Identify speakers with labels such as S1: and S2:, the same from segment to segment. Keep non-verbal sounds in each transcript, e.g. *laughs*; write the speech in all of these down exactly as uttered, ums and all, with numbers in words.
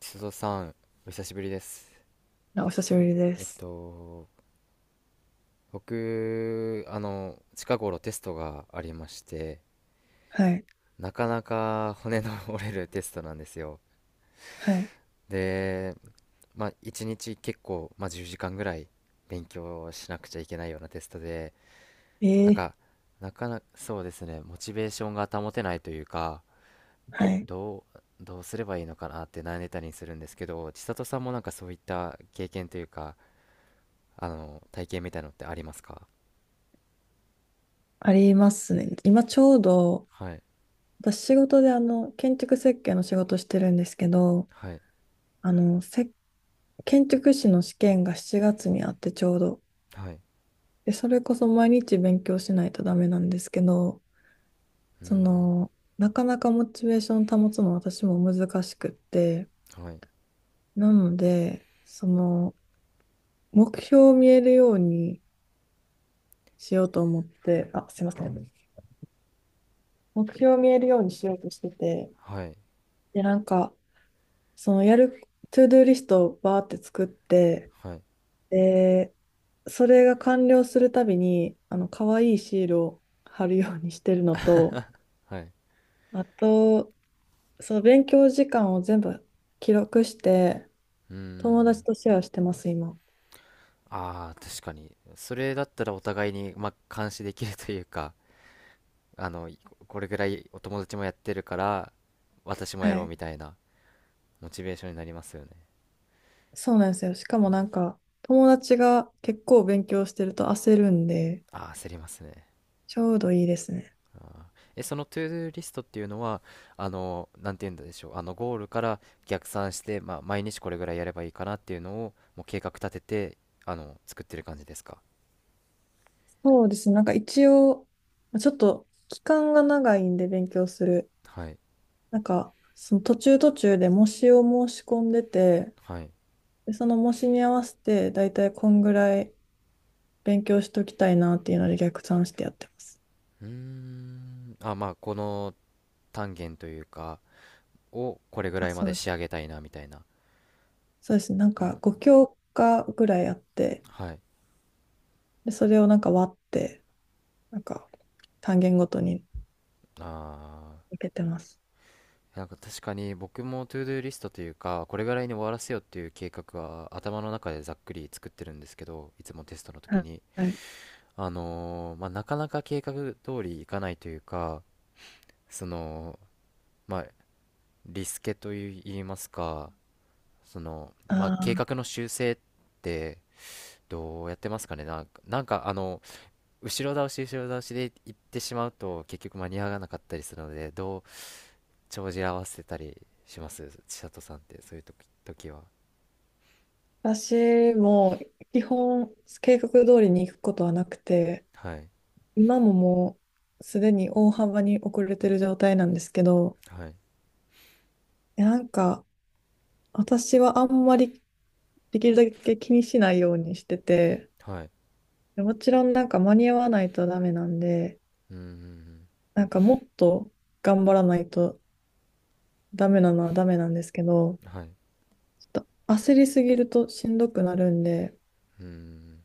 S1: 須藤さん、お久しぶりです。
S2: あお久しぶりで
S1: えっ
S2: す。
S1: と、僕、あの、近頃テストがありまして、
S2: はい。
S1: なかなか骨の *laughs* 折れるテストなんですよ。
S2: はい。
S1: で、まあ、一日結構、まあ、じゅうじかんぐらい勉強しなくちゃいけないようなテストで、なん
S2: え
S1: か、
S2: え
S1: なかなか、そうですね、モチベーションが保てないというか、
S2: はい。
S1: どう、どうすればいいのかなって悩んでたりするんですけど、千里さんもなんかそういった経験というか、あの、体験みたいのってありますか？
S2: ありますね。今ちょうど、
S1: はい。
S2: 私仕事であの、建築設計の仕事してるんですけど、
S1: はい、
S2: あの、せ、建築士の試験がしちがつにあってちょうど。
S1: はい、
S2: で、それこそ毎日勉強しないとダメなんですけど、
S1: う
S2: そ
S1: ん、
S2: の、なかなかモチベーション保つの私も難しくって、
S1: うん、はい、
S2: なので、その、目標を見えるようにしようと思って、あ、すいません。目標を見えるようにしようとしてて、
S1: はい、
S2: で、なんか、そのやる、トゥードゥーリストをバーって作って、
S1: はい、
S2: で、それが完了するたびに、あの、可愛いシールを貼るようにしてるのと、
S1: はい、
S2: あと、そう勉強時間を全部記録して、
S1: うー
S2: 友達
S1: ん。
S2: とシェアしてます、今。
S1: ああ、確かに、それだったらお互いに、まあ、監視できるというか、あの、いこれぐらいお友達もやってるから、私もや
S2: は
S1: ろう
S2: い。
S1: みたいな、モチベーションになりますよね。
S2: そうなんですよ。しかもなんか、友達が結構勉強してると焦るんで、
S1: ああ、焦りますね。
S2: ちょうどいいですね。
S1: ああ。え、そのトゥードゥーリストっていうのは、あの、なんて言うんでしょう、あの、ゴールから逆算して、まあ、毎日これぐらいやればいいかなっていうのを、もう計画立てて、あの、作ってる感じですか？
S2: そうですね。なんか一応、ちょっと期間が長いんで勉強する。
S1: はい、
S2: なんか、その途中途中で模試を申し込んでて、
S1: はい。
S2: で、その模試に合わせて、だいたいこんぐらい勉強しときたいなっていうので逆算してやってます。
S1: うーん。あ、まあ、この単元というか、をこれぐ
S2: あ、
S1: らいま
S2: そ
S1: で
S2: う。
S1: 仕上げたいな、みたいな。
S2: そうですね。なん
S1: う
S2: か
S1: ん。
S2: ご教科ぐらいあって、
S1: はい。
S2: で、それをなんか割って、なんか単元ごとに
S1: あー。
S2: 分けてます。
S1: なんか確かに僕もトゥードゥーリストというか、これぐらいに終わらせようっていう計画は頭の中でざっくり作ってるんですけど、いつもテストの時
S2: は
S1: に。
S2: い。
S1: あのーまあ、なかなか計画通りいかないというか、その、まあ、リスケといいますか、その、ま
S2: あ
S1: あ、計
S2: あ、
S1: 画の修正ってどうやってますかね。なんか、なんか、あの、後ろ倒し後ろ倒しで行ってしまうと結局間に合わなかったりするので、どう帳尻合わせたりします、千里さんって？そういう時、時は。
S2: 私も基本計画通りに行くことはなくて、
S1: はい、
S2: 今ももうすでに大幅に遅れてる状態なんですけど、
S1: はい、
S2: なんか私はあんまりできるだけ気にしないようにしてて、
S1: はい、
S2: もちろんなんか間に合わないとダメなんで、
S1: うん、うん、
S2: なんかもっと頑張らないとダメなのはダメなんですけど、
S1: うん、はい、
S2: ちょっと焦りすぎるとしんどくなるんで、
S1: うん、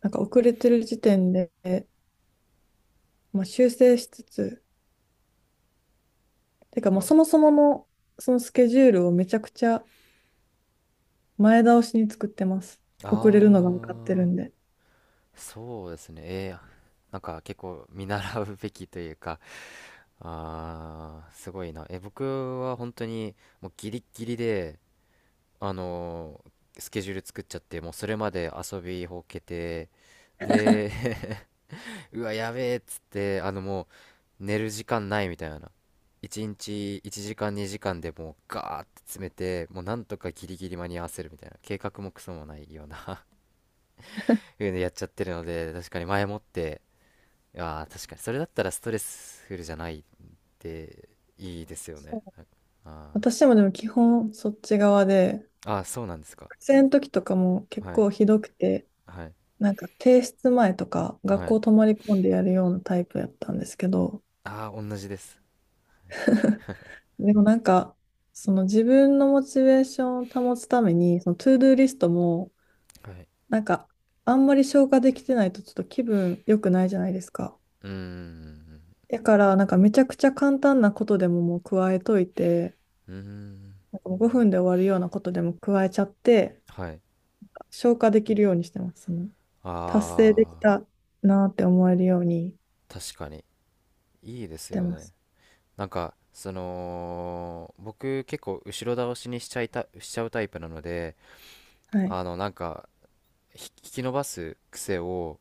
S2: なんか遅れてる時点で、まあ、修正しつつ、てかもうそもそものそのスケジュールをめちゃくちゃ前倒しに作ってます。遅れるのが分かってる
S1: あ
S2: ん
S1: あ
S2: で。
S1: ー。そうですね、えー、なんか結構見習うべきというか、あー、すごいな。え僕は本当にもうギリッギリで、あのースケジュール作っちゃって、もうそれまで遊びほうけて、で、 *laughs* うわ、やべえっつって、あのもう、寝る時間ないみたいな。いちにちいちじかんにじかんでもうガーって詰めて、もうなんとかギリギリ間に合わせるみたいな。計画もクソもないような *laughs* いうの *laughs* やっちゃってるので、確かに前もって。ああ、確かにそれだったらストレスフルじゃないって、いいですよ
S2: そ
S1: ね。
S2: う
S1: あ
S2: 私もでも基本そっち側で、
S1: あ、あーそうなんですか。
S2: 学生の時とかも結
S1: はい、
S2: 構ひどくて、
S1: はい、
S2: なんか提出前とか学
S1: はい。
S2: 校泊まり込んでやるようなタイプやったんですけど、
S1: ああー、同じです。
S2: でもなんか、その自分のモチベーションを保つために、そのトゥードゥーリストも、
S1: はい。
S2: なんかあんまり消化できてないとちょっと気分良くないじゃないですか。
S1: うーん、
S2: だからなんかめちゃくちゃ簡単なことでももう加えといて、
S1: うーん、
S2: なんかもうごふんで終わるようなことでも加えちゃって、
S1: はい。
S2: 消化できるようにしてます。その、達成でき
S1: ああ
S2: たなって思えるように
S1: ー、確かに、いいで
S2: し
S1: す
S2: て
S1: よ
S2: ま
S1: ね。
S2: す。
S1: なんか、その、僕結構後ろ倒しにしちゃいた、しちゃうタイプなので、
S2: はい。
S1: あの、なんか、ひ引き伸ばす癖を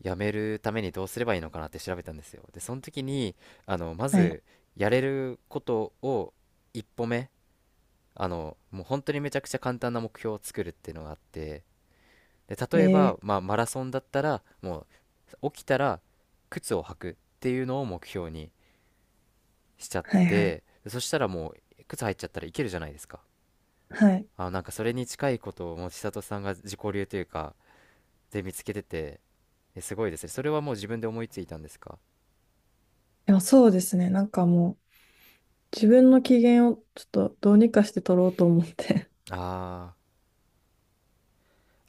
S1: やめるためにどうすればいいのかなって調べたんですよ。で、その時に、あの、ま
S2: はい。
S1: ず、やれることを一歩目、あの、もう本当にめちゃくちゃ簡単な目標を作るっていうのがあって、で、例えば、
S2: え
S1: まあ、マラソンだったら、もう、起きたら、靴を履くっていうのを目標にしちゃっ
S2: ー、はいはい。
S1: て、そしたらもう靴入っちゃったらいけるじゃないですか。
S2: はい。
S1: あ、なんかそれに近いことをもう千里さんが自己流というかで見つけてて、え、すごいですね、それはもう自分で思いついたんですか？
S2: でもそうですね。なんかもう、自分の機嫌をちょっとどうにかして取ろうと思って。
S1: あー、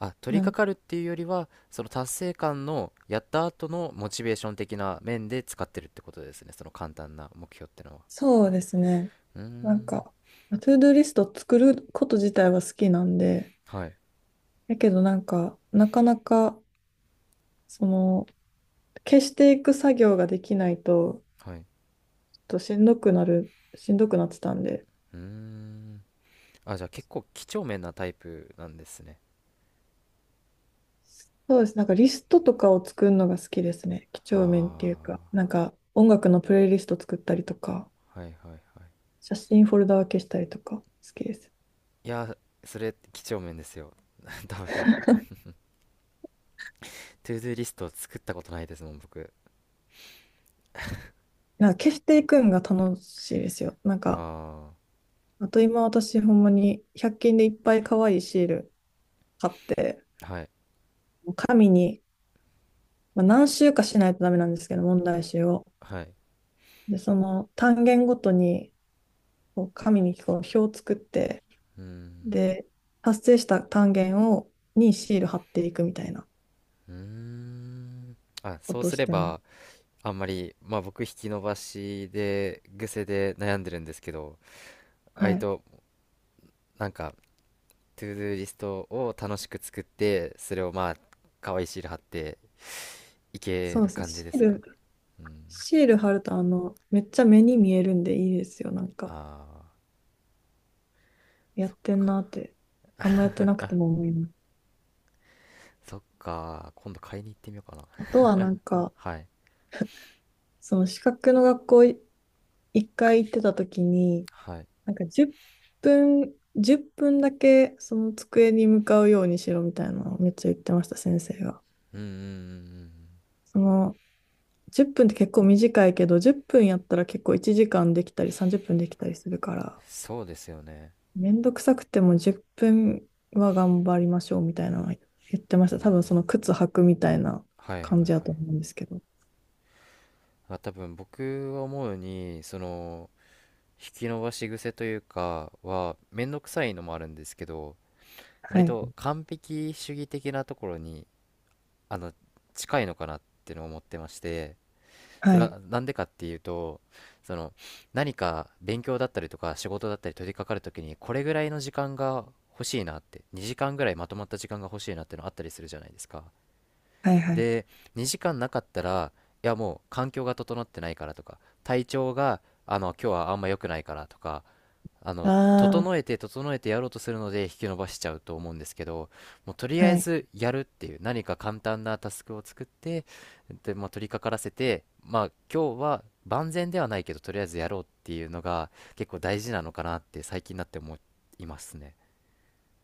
S1: あ、 取り
S2: なん
S1: 掛かるっていうよりはその達成感の、やった後のモチベーション的な面で使ってるってことですね、その簡単な目標ってのは。
S2: そうですね。
S1: うー
S2: なん
S1: ん、
S2: か、トゥードゥーリスト作ること自体は好きなんで、
S1: はい、
S2: だけどなんか、なかなか、その、消していく作業ができないと、
S1: はい、
S2: としんどくなる、しんどくなってたんで、
S1: うーん。あ、じゃあ結構几帳面なタイプなんですね。
S2: そうです。なんかリストとかを作るのが好きですね。几帳面って
S1: あ
S2: いうか、なんか音楽のプレイリスト作ったりとか、
S1: あー、はい、はい、はい。
S2: 写真フォルダ分けしたりとか好きです。
S1: いや、それ、几帳面ですよ。*laughs* 多分、トゥードゥーリストを作ったことないですもん、僕。
S2: なんか消していくんが楽しいですよ。なんか、
S1: あ
S2: あと今私ほんまにひゃく均でいっぱい可愛いシール買って、
S1: あ、はい、
S2: 紙に、まあ、何週かしないとダメなんですけど、問題集を。
S1: はい。
S2: で、その単元ごとにこう紙にこう表を作って、
S1: うーん、
S2: で、達成した単元を、にシール貼っていくみたいな
S1: うーん。あ、
S2: こ
S1: そう
S2: とを
S1: す
S2: し
S1: れ
S2: てます。
S1: ば、あんまり、まあ僕、引き伸ばしで、癖で悩んでるんですけど、
S2: は
S1: 割
S2: い。
S1: と、なんか、トゥードゥーリストを楽しく作って、それをまあ、可愛いシール貼っていけ
S2: そう
S1: る
S2: ですね。
S1: 感じ
S2: シ
S1: で
S2: ー
S1: すか。
S2: ル、
S1: うん。
S2: シール貼ると、あの、めっちゃ目に見えるんでいいですよ。なんか、
S1: ああ、
S2: やっ
S1: そ、
S2: てんなって、あんまやってなくても思います。
S1: そっか、今度買いに行ってみようかな。
S2: あとは、なんか、
S1: はい、
S2: その資格の学校い一回行ってた時に、
S1: はい。
S2: なんか10分、じゅっぷんだけその机に向かうようにしろみたいなのをめっちゃ言ってました、先生が。
S1: うん、うん、うん、うん、
S2: その10分っぷんって結構短いけど、じゅっぷんやったら結構いちじかんできたりさんじゅっぷんできたりするから、
S1: そうですよね。
S2: めんどくさくてもじゅっぷんは頑張りましょうみたいなの言ってまし
S1: う
S2: た。多
S1: ん。
S2: 分その靴履くみたいな
S1: はい、はい、
S2: 感
S1: は
S2: じだと
S1: い。
S2: 思うんですけど。
S1: まあ、多分僕は思うに、その、引き伸ばし癖というかは、めんどくさいのもあるんですけど、割
S2: はい。
S1: と完璧主義的なところに、あの、近いのかなってのを思ってまして、
S2: は
S1: それ
S2: い。
S1: はなんでかっていうと、その、何か勉強だったりとか仕事だったり取り掛かるときに、これぐらいの時間が欲しいなって、にじかんぐらいまとまった時間が欲しいなってのあったりするじゃないですか。
S2: はいはい。
S1: で、にじかんなかったら、いやもう環境が整ってないからとか、体調があの今日はあんま良くないからとか、あの
S2: あ
S1: 整えて整えてやろうとするので引き延ばしちゃうと思うんですけど、もうとり
S2: あ、
S1: あえ
S2: はい。
S1: ずやるっていう何か簡単なタスクを作って、で、まあ、取り掛からせて、まあ今日は万全ではないけどとりあえずやろうっていうのが結構大事なのかなって最近になって思いますね。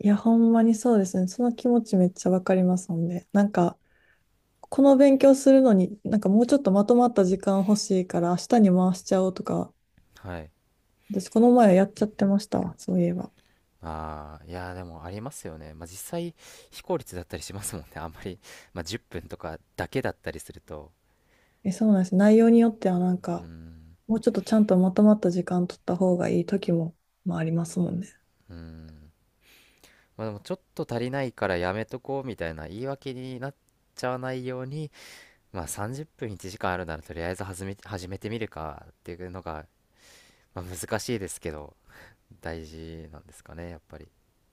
S2: いや、ほんまにそうですね。その気持ちめっちゃわかりますもんね。なんか、この勉強するのに、なんかもうちょっとまとまった時間欲しいから明日に回しちゃおうとか、
S1: はい。
S2: 私この前やっちゃってましたわ。そういえば。
S1: ああ、いやーでもありますよね。まあ実際非効率だったりしますもんね、あんまり、まあ、じゅっぷんとかだけだったりすると。
S2: え、そうなんです。内容によってはなん
S1: うー
S2: か、
S1: ん、
S2: もうちょっとちゃんとまとまった時間取った方がいい時も、まあ、ありますもんね。
S1: うーん。まあでもちょっと足りないからやめとこうみたいな言い訳になっちゃわないように、まあさんじゅっぷんいちじかんあるならとりあえず始め、始めてみるかっていうのが、まあ難しいですけど、大事なんですかね、やっぱり。い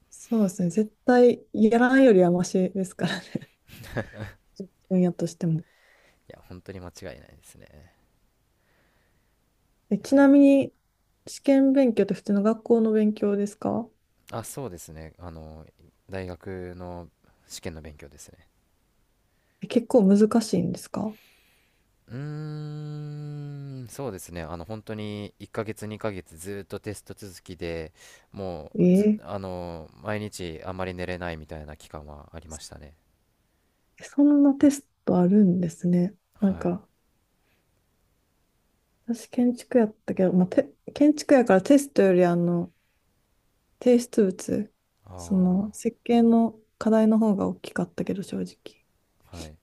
S2: そうですね。絶対やらないよりはマシですからね。*laughs* 分野としても。
S1: や、本当に間違いないですね。
S2: え、
S1: いや
S2: ちなみに、試験勉強って普通の学校の勉強ですか？
S1: ー、あ、そうですね。あの、大学の試験の勉強ですね。
S2: え、結構難しいんですか？
S1: うーん、そうですね。あの、本当にいっかげつ、にかげつずっとテスト続きで、もうず、
S2: えー
S1: あの、毎日あまり寝れないみたいな期間はありましたね。
S2: そんなテストあるんですね。なん
S1: はい。
S2: か、私建築やったけど、まあ、て建築やからテストよりあの、提出物、その
S1: あ
S2: 設計の課題の方が大きかったけど、正直。
S1: あ、はい。